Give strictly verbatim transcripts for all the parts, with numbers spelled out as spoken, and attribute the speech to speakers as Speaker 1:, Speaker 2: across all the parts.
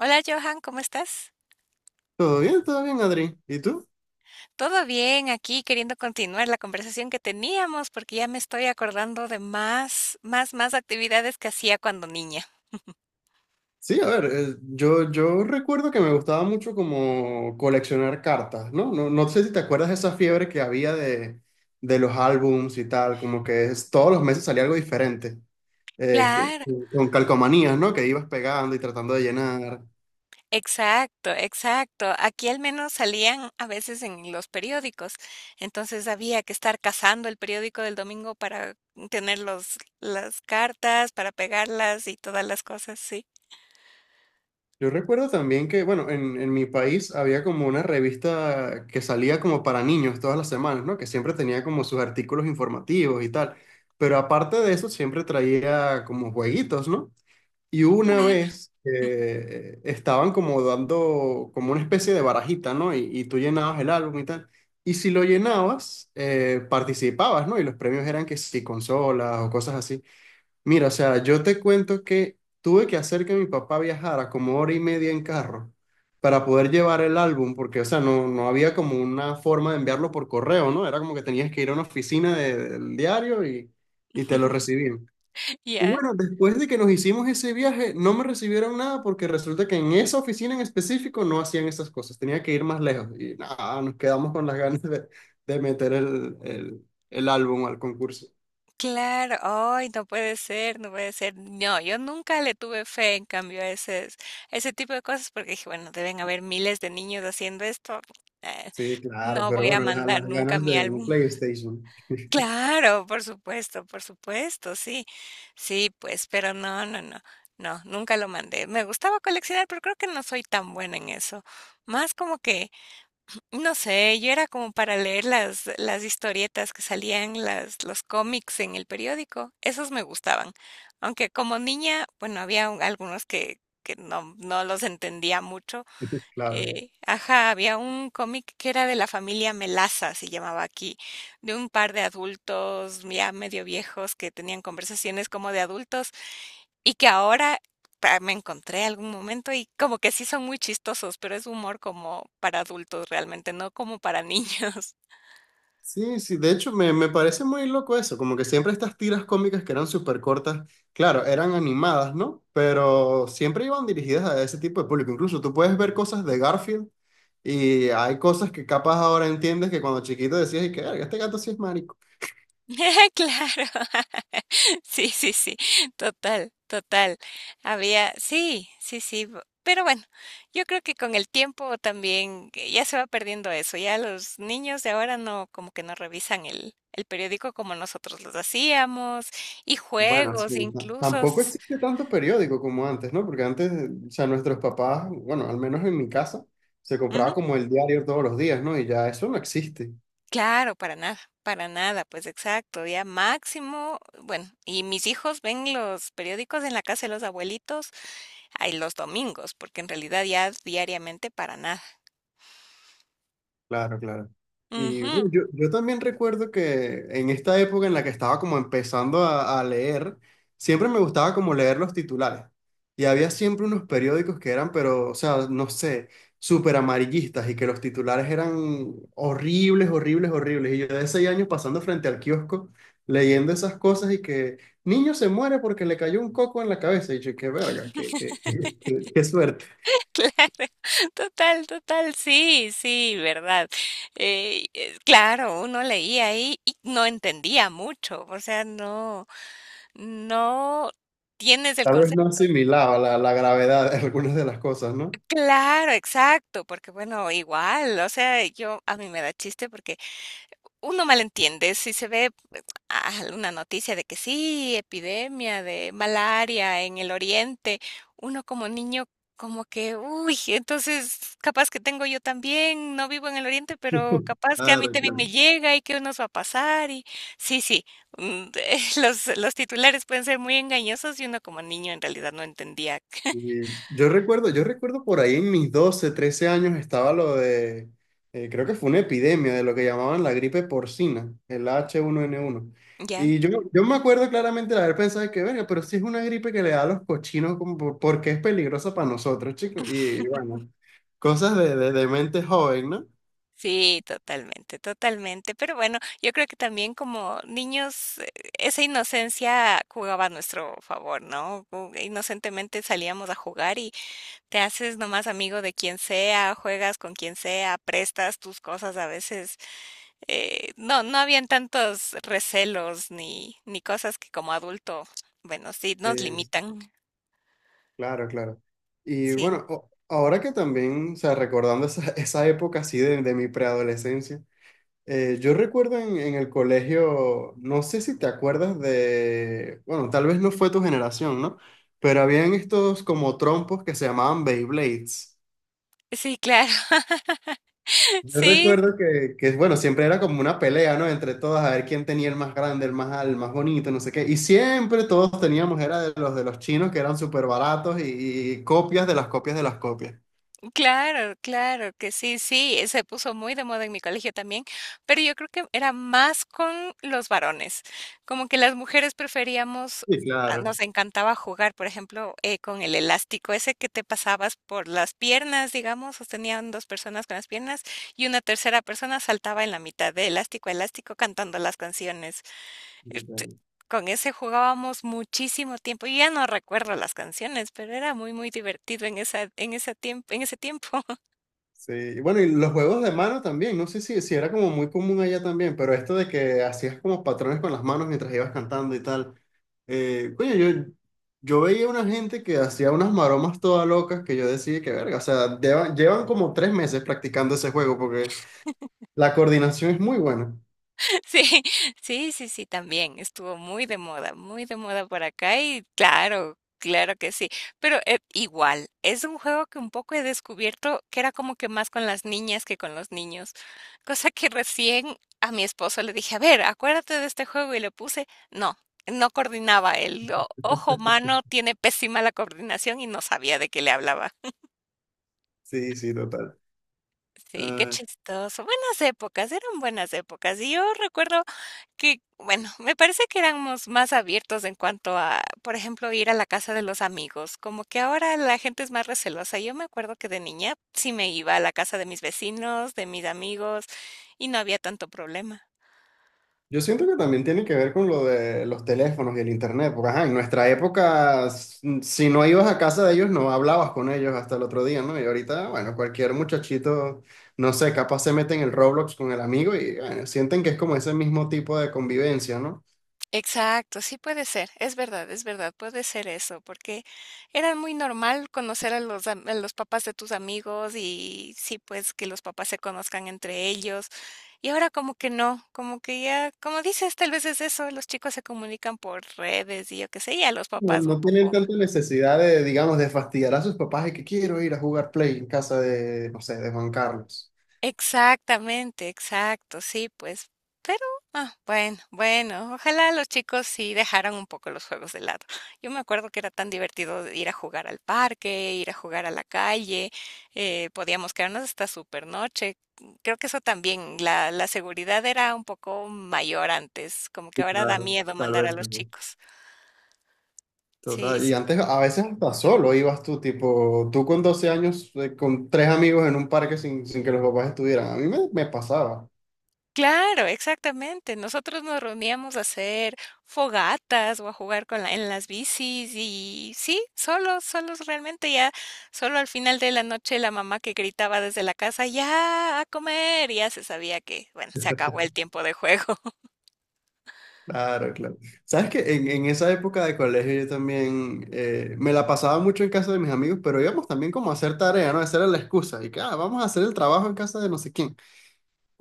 Speaker 1: Hola Johan, ¿cómo estás?
Speaker 2: Todo bien, todo bien, Adri. ¿Y tú?
Speaker 1: Todo bien, aquí queriendo continuar la conversación que teníamos porque ya me estoy acordando de más, más, más actividades que hacía cuando niña.
Speaker 2: Sí, a ver, eh, yo, yo recuerdo que me gustaba mucho como coleccionar cartas, ¿no? No, no sé si te acuerdas de esa fiebre que había de, de los álbums y tal, como que es- todos los meses salía algo diferente, eh, que,
Speaker 1: Claro,
Speaker 2: con calcomanías, ¿no? Que ibas pegando y tratando de llenar.
Speaker 1: exacto, exacto. Aquí al menos salían a veces en los periódicos, entonces había que estar cazando el periódico del domingo para tener los, las cartas, para pegarlas y todas las cosas, sí.
Speaker 2: Yo recuerdo también que, bueno, en, en mi país había como una revista que salía como para niños todas las semanas, ¿no? Que siempre tenía como sus artículos informativos y tal. Pero aparte de eso, siempre traía como jueguitos, ¿no? Y una
Speaker 1: Claro.
Speaker 2: vez eh, estaban como dando como una especie de barajita, ¿no? Y, y tú llenabas el álbum y tal. Y si lo llenabas, eh, participabas, ¿no? Y los premios eran que si consolas o cosas así. Mira, o sea, yo te cuento que tuve que hacer que mi papá viajara como hora y media en carro para poder llevar el álbum, porque, o sea, no, no había como una forma de enviarlo por correo, ¿no? Era como que tenías que ir a una oficina de- del diario y, y te lo recibían. Y
Speaker 1: ¿Ya?
Speaker 2: bueno, después de que nos hicimos ese viaje, no me recibieron nada porque resulta que en esa oficina en específico no hacían esas cosas, tenía que ir más lejos y nada, nos quedamos con las ganas de, de meter el, el el álbum al concurso.
Speaker 1: Claro, ay, no puede ser, no puede ser. No, yo nunca le tuve fe en cambio a ese, a ese tipo de cosas porque dije, bueno, deben haber miles de niños haciendo esto. eh,
Speaker 2: Sí, claro,
Speaker 1: no
Speaker 2: pero
Speaker 1: voy a
Speaker 2: bueno, la-
Speaker 1: mandar
Speaker 2: las
Speaker 1: nunca
Speaker 2: ganas
Speaker 1: mi
Speaker 2: de un
Speaker 1: álbum.
Speaker 2: PlayStation.
Speaker 1: Claro, por supuesto, por supuesto, sí. Sí, pues, pero no, no, no. No, nunca lo mandé. Me gustaba coleccionar, pero creo que no soy tan buena en eso. Más como que no sé, yo era como para leer las, las historietas que salían, las, los cómics en el periódico, esos me gustaban. Aunque como niña, bueno, había un- algunos que, que no, no los entendía mucho.
Speaker 2: Claro.
Speaker 1: Eh, ajá, había un cómic que era de la familia Melaza, se llamaba aquí, de un par de adultos ya medio viejos que tenían conversaciones como de adultos y que ahora pa me encontré algún momento y como que sí son muy chistosos, pero es humor como para adultos realmente, no como para niños.
Speaker 2: Sí, sí, de hecho me, me parece muy loco eso, como que siempre estas tiras cómicas que eran súper cortas, claro, eran animadas, ¿no? Pero siempre iban dirigidas a ese tipo de público. Incluso tú puedes ver cosas de Garfield y hay cosas que capaz ahora entiendes que cuando chiquito decías, y que "Verga, este gato sí es".
Speaker 1: Claro. Sí, sí, sí. Total, total. Había sí, sí, sí. bu- Pero bueno, yo creo que con el tiempo también eh, ya se va perdiendo eso. Ya los niños de ahora no, como que no revisan el, el periódico como nosotros los hacíamos, y
Speaker 2: Bueno, sí,
Speaker 1: juegos,
Speaker 2: ta-
Speaker 1: incluso.
Speaker 2: tampoco existe tanto periódico como antes, ¿no? Porque antes, o sea, nuestros papás, bueno, al menos en mi casa, se compraba como el diario todos los días, ¿no? Y ya eso no existe.
Speaker 1: Claro, para nada, para nada, pues exacto, ya máximo, bueno, y mis hijos ven los periódicos en la casa de los abuelitos, ay, los domingos, porque en realidad ya diariamente para nada.
Speaker 2: Claro, claro. Y bueno,
Speaker 1: Ujú.
Speaker 2: yo, yo también recuerdo que en esta época en la que estaba como empezando a, a leer, siempre me gustaba como leer los titulares. Y había siempre unos periódicos que eran, pero, o sea, no sé, súper amarillistas y que los titulares eran horribles, horribles, horribles. Y yo de seis años pasando frente al kiosco, leyendo esas cosas y que niño se muere porque le cayó un coco en la cabeza. Y yo, qué verga, qué, qué, qué, qué- qué suerte.
Speaker 1: Claro, total, total, sí, sí, verdad. Eh, eh, claro, uno leía ahí y no entendía mucho, o sea, no, no tienes el
Speaker 2: Tal vez no
Speaker 1: concepto.
Speaker 2: asimilaba la, la gravedad de algunas de las cosas, ¿no?
Speaker 1: Claro, exacto, porque bueno, igual, o sea, yo a mí me da chiste porque uno malentiende, si se ve alguna noticia de que sí, epidemia de malaria en el oriente, uno como niño como que, uy, entonces capaz que tengo yo también, no vivo en el oriente, pero capaz que a mí
Speaker 2: Claro,
Speaker 1: también
Speaker 2: claro.
Speaker 1: me llega y qué nos va a pasar y sí, sí, mm, los, los titulares pueden ser muy engañosos y uno como niño en realidad no entendía.
Speaker 2: Y yo recuerdo, yo recuerdo por ahí en mis doce trece años estaba lo de, eh, creo que fue una epidemia de lo que llamaban la gripe porcina, el H uno N uno.
Speaker 1: ¿Ya?
Speaker 2: Y yo, yo me acuerdo claramente de haber pensado que, venga, pero si es una gripe que le da a los cochinos, ¿como por- porque es peligrosa para nosotros, chicos? Y, bueno, cosas de, de, de mente joven, ¿no?
Speaker 1: Sí, totalmente, totalmente. Pero bueno, yo creo que también como niños, eh, esa inocencia jugaba a nuestro favor, ¿no? Ju- Inocentemente salíamos a jugar y te haces nomás amigo de quien sea, juegas con quien sea, prestas tus cosas a veces. Eh, no, no habían tantos recelos ni, ni cosas que como adulto, bueno, sí, nos
Speaker 2: De-
Speaker 1: limitan.
Speaker 2: claro, claro. Y
Speaker 1: Sí,
Speaker 2: bueno, o- ahora que también, o sea, recordando esa, esa época así de, de mi preadolescencia. Eh, yo recuerdo en, en el colegio, no sé si te acuerdas de, bueno, tal vez no fue tu generación, ¿no? Pero habían estos como trompos que se llamaban Beyblades.
Speaker 1: sí, claro.
Speaker 2: Yo
Speaker 1: Sí,
Speaker 2: recuerdo que, que, bueno, siempre era como una pelea, ¿no? Entre todas, a ver quién tenía el más grande, el más, al- el más bonito, no sé qué. Y siempre todos teníamos, era de los de los chinos que eran súper baratos y, y copias de las copias de las copias.
Speaker 1: claro, claro que sí, sí, eh, se puso muy de moda en mi colegio también, pero yo creo que era más con los varones, como que las mujeres preferíamos,
Speaker 2: Sí,
Speaker 1: ah,
Speaker 2: claro.
Speaker 1: nos encantaba jugar, por ejemplo, eh, con el elástico ese que te pasabas por las piernas, digamos, sostenían dos personas con las piernas y una tercera persona saltaba en la mitad de elástico a elástico cantando las canciones. Este, con ese jugábamos muchísimo tiempo. Yo ya no recuerdo las canciones, pero era muy, muy divertido en esa, en esa tiemp- en ese tiempo.
Speaker 2: Sí, y bueno, y los juegos de mano también, no sé si, si era como muy común allá también, pero esto de que hacías como patrones con las manos mientras ibas cantando y tal. Eh, coño, yo, yo veía una gente que hacía unas maromas todas locas que yo decía que verga, o sea, llevan, llevan como tres meses practicando ese juego porque la coordinación es muy buena.
Speaker 1: Sí, sí, sí, sí, también estuvo muy de moda, muy de moda por acá y claro, claro que sí, pero eh, igual, es un juego que un poco he descubierto que era como que más con las niñas que con los niños, cosa que recién a mi esposo le dije, a ver, acuérdate de este juego y le puse, no, no coordinaba, el o- ojo humano tiene pésima la coordinación y no sabía de qué le hablaba.
Speaker 2: Sí, sí, total.
Speaker 1: Sí, qué
Speaker 2: Ah,
Speaker 1: chistoso. Buenas épocas, eran buenas épocas. Y yo recuerdo que, bueno, me parece que éramos más abiertos en cuanto a, por ejemplo, ir a la casa de los amigos. Como que ahora la gente es más recelosa. Yo me acuerdo que de niña sí me iba a la casa de mis vecinos, de mis amigos, y no había tanto problema.
Speaker 2: yo siento que también tiene que ver con lo de los teléfonos y el internet, porque ajá, en nuestra época, s- si no ibas a casa de ellos, no hablabas con ellos hasta el otro día, ¿no? Y ahorita, bueno, cualquier muchachito, no sé, capaz se mete en el Roblox con el amigo y bueno, sienten que es como ese mismo tipo de convivencia, ¿no?
Speaker 1: Exacto, sí puede ser, es verdad, es verdad, puede ser eso, porque era muy normal conocer a los, am- a los papás de tus amigos y sí, pues que los papás se conozcan entre ellos. Y ahora como que no, como que ya, como dices, tal vez es eso, los chicos se comunican por redes y yo qué sé, y a los
Speaker 2: No,
Speaker 1: papás un
Speaker 2: no tienen
Speaker 1: poco.
Speaker 2: tanta necesidad de, digamos, de fastidiar a sus papás y que quiero ir a jugar Play en casa de, no sé, de Juan Carlos.
Speaker 1: Exactamente, exacto, sí, pues, pero, ah, bueno, bueno, ojalá los chicos sí dejaran un poco los juegos de lado. Yo me acuerdo que era tan divertido ir a jugar al parque, ir a jugar a la calle, eh, podíamos quedarnos hasta súper noche. Creo que eso también, la, la seguridad era un poco mayor antes, como que
Speaker 2: Sí,
Speaker 1: ahora da
Speaker 2: claro,
Speaker 1: miedo
Speaker 2: tal
Speaker 1: mandar a
Speaker 2: vez.
Speaker 1: los chicos. Sí,
Speaker 2: Total, y
Speaker 1: sí, sí.
Speaker 2: antes a veces hasta solo ibas tú, tipo, tú con doce años, eh, con tres amigos en un parque sin, sin que los papás estuvieran. A mí me, me pasaba.
Speaker 1: Claro, exactamente. Nosotros nos reuníamos a hacer fogatas o a jugar con la- en las bicis y sí, solos, solos realmente ya, solo al final de la noche la mamá que gritaba desde la casa, ya a comer, ya se sabía que, bueno, se acabó el tiempo de juego.
Speaker 2: Claro, claro. Sabes que en, en esa época de colegio yo también eh, me la pasaba mucho en casa de mis amigos, pero íbamos también como a hacer tarea, ¿no? Esa era la excusa. Y que, ah, vamos a hacer el trabajo en casa de no sé quién.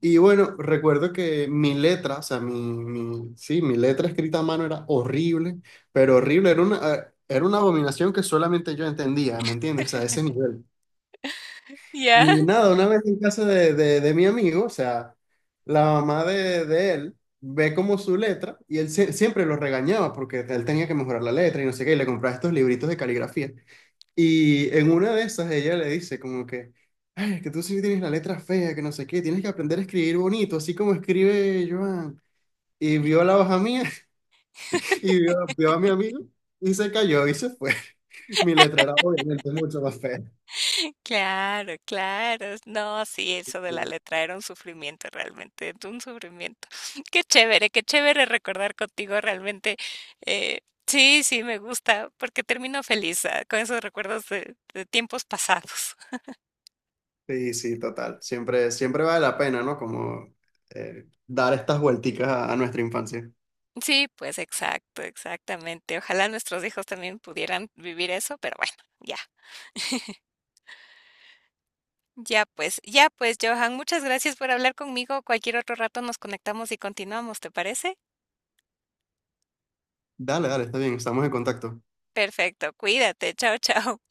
Speaker 2: Y bueno, recuerdo que mi letra, o sea, mi, mi- sí, mi letra escrita a mano era horrible, pero horrible, era una, eh, era una abominación que solamente yo entendía, ¿me entiendes? O sea, ese nivel.
Speaker 1: Ya.
Speaker 2: Y nada, una vez en casa de, de- de mi amigo, o sea, la mamá de, de él ve como su letra y él sie- siempre lo regañaba porque él tenía que mejorar la letra y no sé qué, y le compraba estos libritos de caligrafía. Y en una de esas ella le dice como que, ay, que tú sí tienes la letra fea, que no sé qué, tienes que aprender a escribir bonito, así como escribe Joan. Y vio la hoja mía y vio, vio a mi amigo y se cayó y se fue. Mi letra era obviamente mucho más fea.
Speaker 1: Claro, claro. No, sí, eso de la letra era un sufrimiento realmente, un sufrimiento. Qué chévere, qué chévere recordar contigo realmente. Eh, sí, sí, me gusta, porque termino feliz, ah, con esos recuerdos de, de tiempos pasados.
Speaker 2: Sí, sí, total. Siempre, siempre vale la pena, ¿no? Como eh, dar estas vuelticas a, a nuestra infancia.
Speaker 1: Sí, pues exacto, exactamente. Ojalá nuestros hijos también pudieran vivir eso, pero bueno, ya. Ya pues, ya pues, Johan, muchas gracias por hablar conmigo. Cualquier otro rato nos conectamos y continuamos, ¿te parece?
Speaker 2: Dale, dale, está bien, estamos en contacto.
Speaker 1: Perfecto, cuídate, chao, chao.